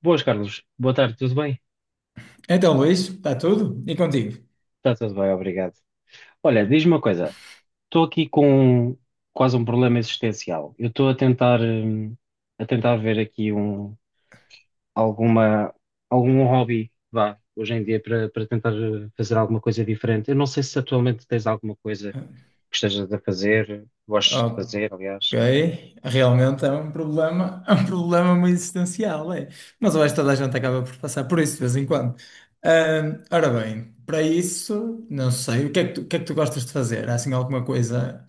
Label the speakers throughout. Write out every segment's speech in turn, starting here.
Speaker 1: Boas, Carlos. Boa tarde, tudo bem?
Speaker 2: Então, Luís, está tudo? E contigo?
Speaker 1: Está tudo bem, obrigado. Olha, diz-me uma coisa. Estou aqui com quase um problema existencial. Eu estou a tentar ver aqui alguma, algum hobby, vá, hoje em dia para, para tentar fazer alguma coisa diferente. Eu não sei se atualmente tens alguma coisa que estejas a fazer, gostes de
Speaker 2: Ah,
Speaker 1: fazer, aliás.
Speaker 2: Ok. Realmente é um problema muito existencial, é. Mas eu acho que toda a gente acaba por passar por isso de vez em quando. Ora bem, para isso, não sei, o que é que tu gostas de fazer? Há assim alguma coisa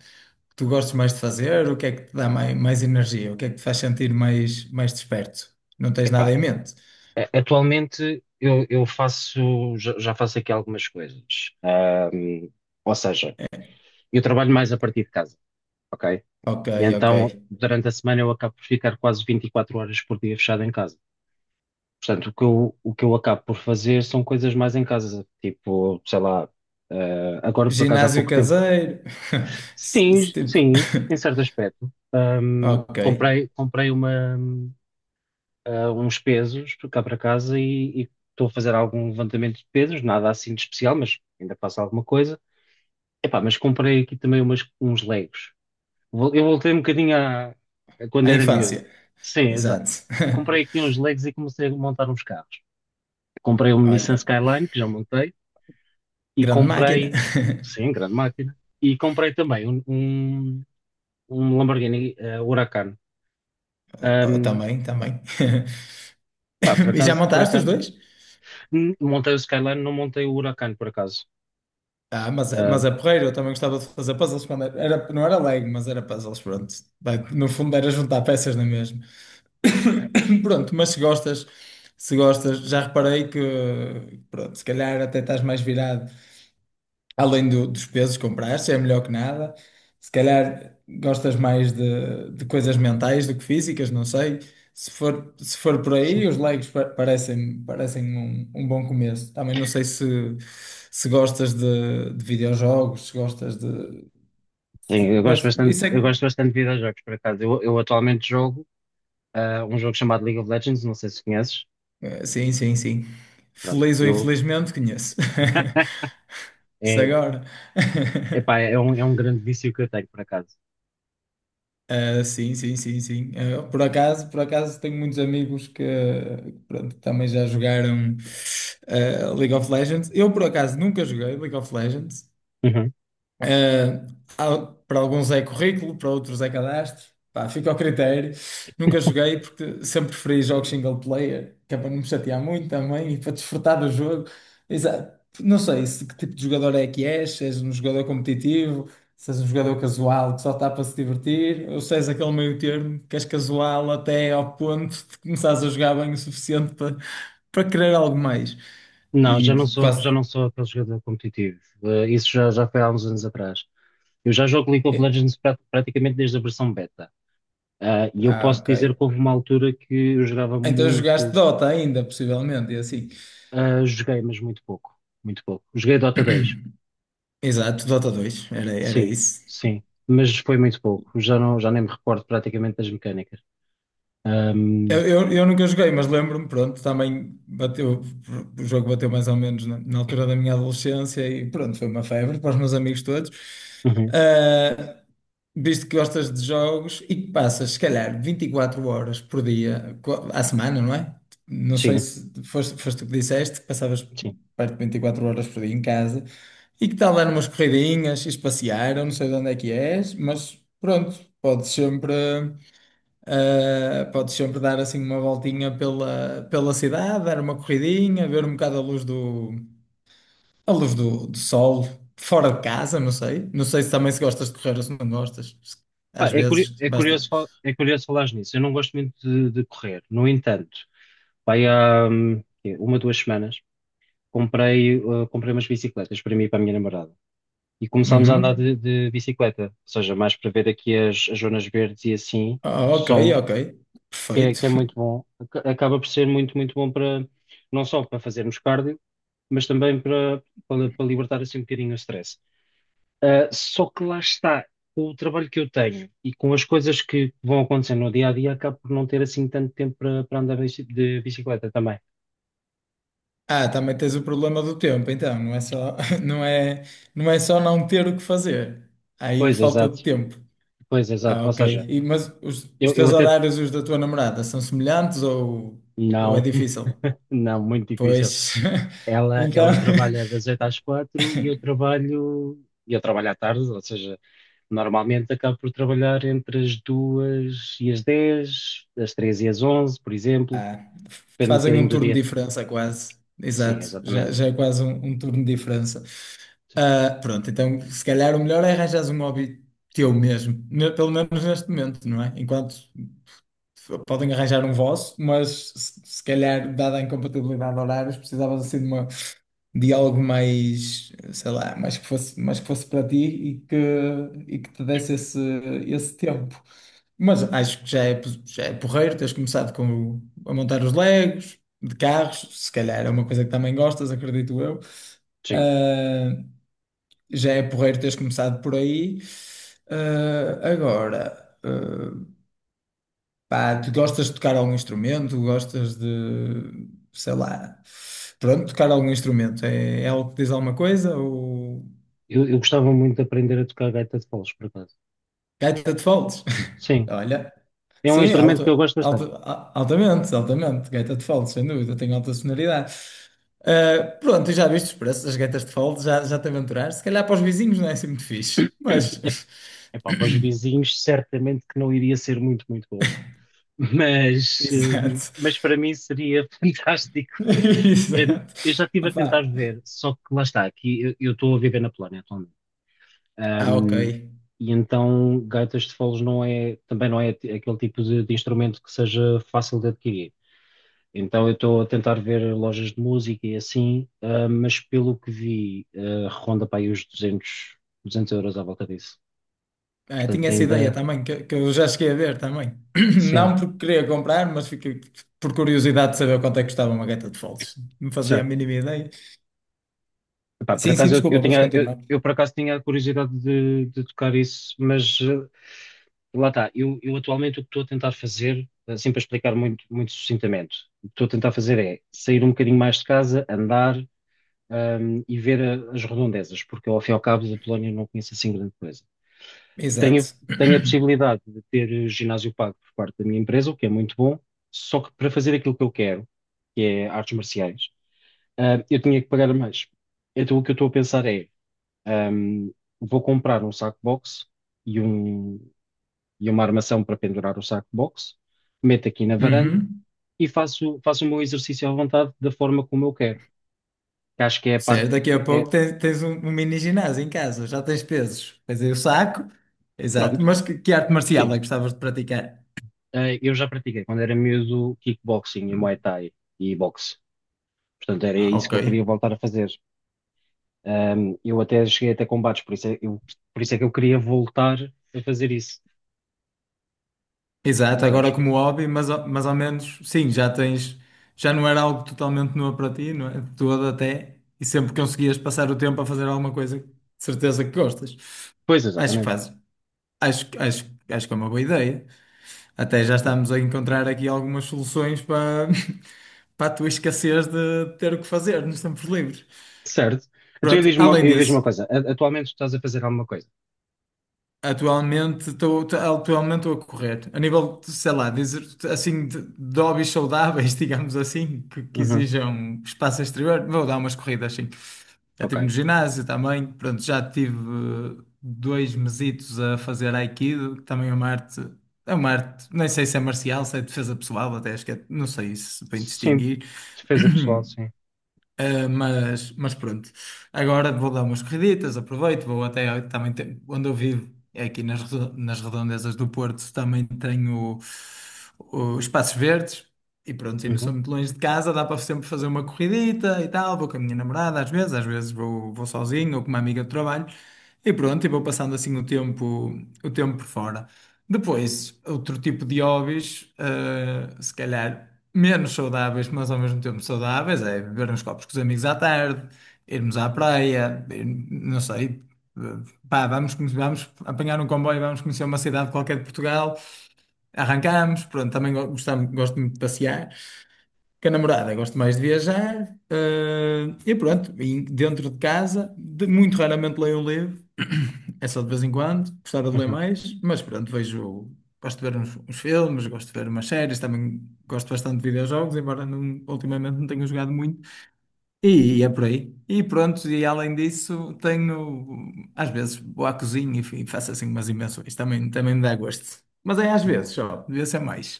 Speaker 2: que tu gostes mais de fazer? O que é que te dá mais energia? O que é que te faz sentir mais desperto? Não tens nada
Speaker 1: Epá,
Speaker 2: em mente?
Speaker 1: atualmente eu faço, já, já faço aqui algumas coisas. Ahm, ou seja,
Speaker 2: É,
Speaker 1: eu trabalho mais a partir de casa, ok?
Speaker 2: ok,
Speaker 1: E
Speaker 2: ok.
Speaker 1: então, durante a semana, eu acabo por ficar quase 24 horas por dia fechado em casa. Portanto, o que eu acabo por fazer são coisas mais em casa, tipo, sei lá, agora por acaso há
Speaker 2: Ginásio
Speaker 1: pouco tempo.
Speaker 2: caseiro? Se-
Speaker 1: Sim,
Speaker 2: se tipo-
Speaker 1: sim, em certo aspecto.
Speaker 2: Ok.
Speaker 1: Comprei uma, uns pesos cá para casa e estou a fazer algum levantamento de pesos, nada assim de especial, mas ainda faço alguma coisa. Epá, mas comprei aqui também uns Legos. Eu voltei um bocadinho a quando
Speaker 2: A
Speaker 1: era miúdo.
Speaker 2: infância,
Speaker 1: Sim, exato.
Speaker 2: exato.
Speaker 1: Comprei aqui uns Legos e comecei a montar uns carros. Comprei um Nissan
Speaker 2: Olha,
Speaker 1: Skyline, que já montei, Uhum.
Speaker 2: grande máquina.
Speaker 1: Comprei, sim, grande máquina, e comprei também um Lamborghini Huracan.
Speaker 2: Oh,
Speaker 1: Ahm,
Speaker 2: também, também.
Speaker 1: pá,
Speaker 2: E já
Speaker 1: por
Speaker 2: montaste os
Speaker 1: acaso,
Speaker 2: dois?
Speaker 1: montei o Skyline, não montei o Huracan, por acaso.
Speaker 2: Ah,
Speaker 1: Ah,
Speaker 2: mas é porreiro, eu também gostava de fazer puzzles quando não era Lego, mas era puzzles, pronto. Vai, no fundo era juntar peças, não é mesmo? Pronto, mas se gostas, se gostas, já reparei que, pronto, se calhar até estás mais virado. Dos pesos que compraste, é melhor que nada. Se calhar gostas mais de coisas mentais do que físicas, não sei. Se for por
Speaker 1: sim,
Speaker 2: aí, os parecem, parecem um bom começo. Também não sei se, se gostas de videojogos, se gostas de.
Speaker 1: sim,
Speaker 2: Mas
Speaker 1: eu gosto bastante de videojogos, por acaso. Eu atualmente jogo um jogo chamado League of Legends, não sei se conheces.
Speaker 2: sim, sim, sim.
Speaker 1: Pronto,
Speaker 2: Feliz ou
Speaker 1: eu
Speaker 2: infelizmente, conheço. Isso
Speaker 1: é
Speaker 2: agora.
Speaker 1: Epá, é um grande vício que eu tenho, por acaso.
Speaker 2: Sim, sim, sim, sim. Por acaso tenho muitos amigos que pronto, também já jogaram League of Legends. Eu por acaso nunca joguei League of Legends.
Speaker 1: Uhum.
Speaker 2: ah, Há- para alguns é currículo, para outros é cadastro. Pá, fica ao critério. Nunca joguei porque sempre preferi jogos single player, que é para não me chatear muito também e para desfrutar do jogo. Não sei se que tipo de jogador é que és, se és um jogador competitivo, se és um jogador casual que só está para se divertir, ou se és aquele meio termo que és casual até ao ponto de começares a jogar bem o suficiente para querer algo mais.
Speaker 1: Não,
Speaker 2: E quase.
Speaker 1: já não sou aquele jogador competitivo. Isso já, já foi há uns anos atrás. Eu já jogo League of
Speaker 2: eh,
Speaker 1: Legends praticamente desde a versão beta. Ah, e eu
Speaker 2: Ah,
Speaker 1: posso
Speaker 2: ok.
Speaker 1: dizer que houve uma altura que eu jogava
Speaker 2: Então jogaste
Speaker 1: muito,
Speaker 2: Dota ainda, possivelmente, e assim.
Speaker 1: ah, joguei, mas muito pouco. Muito pouco. Joguei Dota 2.
Speaker 2: Exato, Dota dois era, era
Speaker 1: Sim,
Speaker 2: isso.
Speaker 1: sim. Mas foi muito pouco. Já não, já nem me recordo praticamente das mecânicas.
Speaker 2: Eu,
Speaker 1: Ahm,
Speaker 2: eu, eu nunca joguei, mas lembro-me, pronto, também bateu, o jogo bateu mais ou menos na altura da minha adolescência e pronto, foi uma febre para os meus amigos todos.
Speaker 1: uhum.
Speaker 2: Ah, Visto que gostas de jogos e que passas, se calhar, 24 horas por dia, à semana, não é? Não sei
Speaker 1: Sim,
Speaker 2: se foste tu que disseste, que passavas
Speaker 1: sim.
Speaker 2: perto de 24 horas por dia em casa e que tal dar umas corridinhas, ires passear, eu não sei de onde é que és, mas pronto, podes sempre dar assim uma voltinha pela cidade, dar uma corridinha, ver um bocado a luz do a luz do sol, fora de casa, não sei. Não sei se também se gostas de correr ou se não gostas.
Speaker 1: Pá,
Speaker 2: Às
Speaker 1: é,
Speaker 2: vezes,
Speaker 1: é
Speaker 2: basta.
Speaker 1: curioso, é curioso falares nisso. Eu não gosto muito de correr. No entanto, vai há quê? Uma, duas semanas, comprei umas bicicletas para mim e para a minha namorada. E começámos a andar
Speaker 2: Uhum.
Speaker 1: de bicicleta, ou seja, mais para ver aqui as, as zonas verdes e assim,
Speaker 2: Ah,
Speaker 1: que
Speaker 2: ok,
Speaker 1: são,
Speaker 2: ok. Perfeito.
Speaker 1: que é muito bom. Acaba por ser muito, muito bom para, não só para fazermos cardio, mas também para libertar assim um bocadinho o stress. Só que lá está, com o trabalho que eu tenho e com as coisas que vão acontecendo no dia a dia, acabo por não ter assim tanto tempo para andar de de bicicleta também.
Speaker 2: Ah, também tens o problema do tempo, então. Não é, não é só não ter o que fazer. Há aí
Speaker 1: Pois,
Speaker 2: falta de
Speaker 1: exato,
Speaker 2: tempo.
Speaker 1: pois, exato.
Speaker 2: Ah,
Speaker 1: Ou
Speaker 2: ok.
Speaker 1: seja,
Speaker 2: E, mas os
Speaker 1: eu
Speaker 2: teus
Speaker 1: até.
Speaker 2: horários e os da tua namorada são semelhantes ou é
Speaker 1: Não,
Speaker 2: difícil?
Speaker 1: não, muito difícil.
Speaker 2: Pois, então.
Speaker 1: Ela trabalha das 8 às 4 e eu trabalho. Eu trabalho à tarde, ou seja, normalmente acabo por trabalhar entre as 2 e as dez, as três e as onze, por exemplo,
Speaker 2: Ah,
Speaker 1: depende um
Speaker 2: fazem
Speaker 1: bocadinho
Speaker 2: um
Speaker 1: do
Speaker 2: turno
Speaker 1: dia.
Speaker 2: de diferença quase.
Speaker 1: Sim,
Speaker 2: Exato,
Speaker 1: exatamente.
Speaker 2: já é quase um turno de diferença.
Speaker 1: Sim,
Speaker 2: Ah, pronto, então se calhar o melhor é arranjares um hobby teu mesmo, pelo menos neste momento, não é? Enquanto podem arranjar um vosso, mas se calhar, dada a incompatibilidade de horários, precisavas assim de uma, de algo mais, sei lá, mais que fosse para ti e que te desse esse, esse tempo. Mas acho que já é, já é porreiro, tens começado com, o- a montar os Legos de carros, se calhar é uma coisa que também gostas, acredito eu.
Speaker 1: sim.
Speaker 2: Ah, já é porreiro teres começado por aí. Ah, agora. ah, Pá, tu gostas de tocar algum instrumento? Gostas de, sei lá, pronto, tocar algum instrumento? É, é algo que diz alguma coisa? Ou
Speaker 1: Eu gostava muito de aprender a tocar gaita de foles, por acaso.
Speaker 2: gaita de foles?
Speaker 1: Sim,
Speaker 2: Olha,
Speaker 1: é um
Speaker 2: sim,
Speaker 1: instrumento que eu gosto bastante.
Speaker 2: altamente, gaita de foles, sem dúvida, tem alta sonoridade. Ah, pronto, e já viste os preços das gaitas de foles? Já te aventuraste? Se calhar para os vizinhos não é assim muito fixe, mas,
Speaker 1: Epá, para os vizinhos, certamente que não iria ser muito, muito bom, mas,
Speaker 2: exato,
Speaker 1: mas para mim seria fantástico. Eu,
Speaker 2: exato.
Speaker 1: eu já estive a tentar
Speaker 2: Opá.
Speaker 1: ver, só que lá está, aqui eu estou a viver na Polónia atualmente.
Speaker 2: Ah, ok.
Speaker 1: Ahm, e então, gaitas de foles não é, também não é aquele tipo de instrumento que seja fácil de adquirir. Então eu estou a tentar ver lojas de música e assim, ah, mas pelo que vi, ah, ronda para aí os 200€ à volta disso.
Speaker 2: Ah,
Speaker 1: Portanto,
Speaker 2: tinha essa ideia
Speaker 1: ainda,
Speaker 2: também, que eu já cheguei a ver também.
Speaker 1: sim,
Speaker 2: Não porque queria comprar, mas fiquei por curiosidade de saber quanto é que custava uma gaita de foles. Não fazia a
Speaker 1: certo.
Speaker 2: mínima ideia.
Speaker 1: Epá, por
Speaker 2: Sim, sim,
Speaker 1: acaso
Speaker 2: desculpa, podes continuar.
Speaker 1: eu por acaso tinha a curiosidade de tocar isso, mas ah, lá está. Eu atualmente o que estou a tentar fazer, assim para explicar muito, muito sucintamente, o que estou a tentar fazer é sair um bocadinho mais de casa, andar, ah, e ver as redondezas, porque eu, ao fim e ao cabo da Polónia não conheço assim grande coisa. Tenho,
Speaker 2: Exato.
Speaker 1: tenho a possibilidade de ter ginásio pago por parte da minha empresa, o que é muito bom, só que para fazer aquilo que eu quero, que é artes marciais, ah, eu tinha que pagar mais. Então o que eu estou a pensar é, ahm, vou comprar um saco box e, um, e uma armação para pendurar o saco box, meto aqui na varanda
Speaker 2: Uhum.
Speaker 1: e faço, faço o meu exercício à vontade da forma como eu quero, que acho que é a parte,
Speaker 2: Certo, daqui a pouco
Speaker 1: é-
Speaker 2: tens um, um mini ginásio em casa, já tens pesos. Tens aí o saco. Exato.
Speaker 1: pronto,
Speaker 2: Mas que arte marcial é que
Speaker 1: sim.
Speaker 2: gostavas de praticar?
Speaker 1: Ah, eu já pratiquei quando era miúdo kickboxing e Muay Thai e boxe. Portanto, era
Speaker 2: Ah,
Speaker 1: isso
Speaker 2: ok.
Speaker 1: que eu queria voltar a fazer. Eu até cheguei até combates, por isso é que eu queria voltar a fazer isso,
Speaker 2: Exato, agora
Speaker 1: percebes?
Speaker 2: como hobby, mas, mas ao menos, sim, já tens, já não era algo totalmente novo para ti, não é? De todo até, e sempre conseguias passar o tempo a fazer alguma coisa, que de certeza que gostas.
Speaker 1: Pois,
Speaker 2: Acho que
Speaker 1: exatamente.
Speaker 2: fazes, acho que é uma boa ideia. Até já
Speaker 1: Pronto.
Speaker 2: estamos a encontrar aqui algumas soluções para, para a tua escassez de ter o que fazer nos tempos livres.
Speaker 1: Certo. Então eu
Speaker 2: Pronto, além
Speaker 1: diz uma
Speaker 2: disso.
Speaker 1: coisa. Atualmente tu estás a fazer alguma coisa?
Speaker 2: Atualmente estou a correr. A nível, de, sei lá, dizer, de hobbies saudáveis, digamos assim, que
Speaker 1: Uhum.
Speaker 2: exijam espaço exterior, vou dar umas corridas, sim. Já
Speaker 1: Ok.
Speaker 2: estive no ginásio também, pronto, já tive dois mesitos a fazer Aikido, que também é uma arte, nem sei se é marcial, se é defesa pessoal, até acho que é, não sei se bem
Speaker 1: Sim.
Speaker 2: distinguir.
Speaker 1: Defesa pessoal, sim.
Speaker 2: Mas pronto, agora vou dar umas corriditas, aproveito, vou até eu também onde eu vivo, é aqui nas, nas redondezas do Porto, também tenho os espaços verdes e pronto, e não sou
Speaker 1: Uhum.
Speaker 2: muito longe de casa, dá para sempre fazer uma corridita e tal, vou com a minha namorada às vezes, vou sozinho ou com uma amiga de trabalho e pronto, e vou passando assim o tempo por fora. Depois, outro tipo de hobbies, se calhar menos saudáveis, mas ao mesmo tempo saudáveis, é beber uns copos com os amigos à tarde, irmos à praia, não sei, eh, pá, vamos apanhar um comboio, vamos conhecer uma cidade qualquer de Portugal, arrancamos, pronto, também gostamos, gosto muito de passear. Com a namorada, gosto mais de viajar, e pronto, e dentro de casa, muito raramente leio um livro, é só de vez em quando, gostava de ler
Speaker 1: Uhum.
Speaker 2: mais, mas pronto, vejo, gosto de ver uns filmes, gosto de ver umas séries, também gosto bastante de videojogos, embora não- ultimamente não tenha jogado muito, e, é por aí. E pronto, e além disso, tenho, às vezes vou à cozinha e faço assim umas invenções, também, também me dá gosto, mas é às vezes
Speaker 1: Boa.
Speaker 2: só, devia ser mais.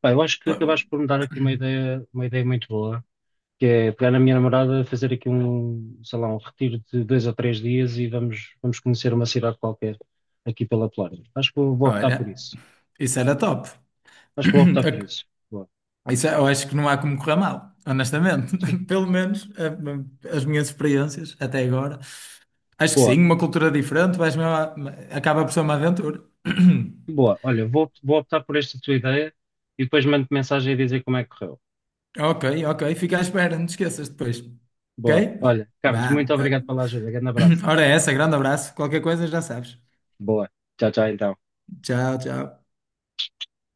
Speaker 1: Pá, eu acho que
Speaker 2: Pronto,
Speaker 1: acabaste por me dar aqui uma ideia muito boa, que é pegar na minha namorada, fazer aqui um, sei lá, um retiro de dois ou três dias e vamos, vamos conhecer uma cidade qualquer aqui pela Polónia. Acho que eu vou optar por
Speaker 2: olha,
Speaker 1: isso.
Speaker 2: isso era top.
Speaker 1: Acho que vou optar por isso. Boa.
Speaker 2: Isso, é, eu acho que não há como correr mal, honestamente.
Speaker 1: Sim.
Speaker 2: Pelo menos as minhas experiências até agora. Acho que
Speaker 1: Boa,
Speaker 2: sim, uma cultura diferente, vais mesmo acaba por ser uma aventura.
Speaker 1: boa. Olha, vou, vou optar por esta tua ideia e depois mando mensagem a dizer como é que correu.
Speaker 2: Ok, ok, fica à espera, não te esqueças depois.
Speaker 1: Boa.
Speaker 2: Ok?
Speaker 1: Olha, Carlos, muito
Speaker 2: Vá.
Speaker 1: obrigado pela ajuda. Grande abraço.
Speaker 2: Ora, é essa, grande abraço. Qualquer coisa já sabes.
Speaker 1: Boa. Tchau, tchau, então.
Speaker 2: Tchau, tchau.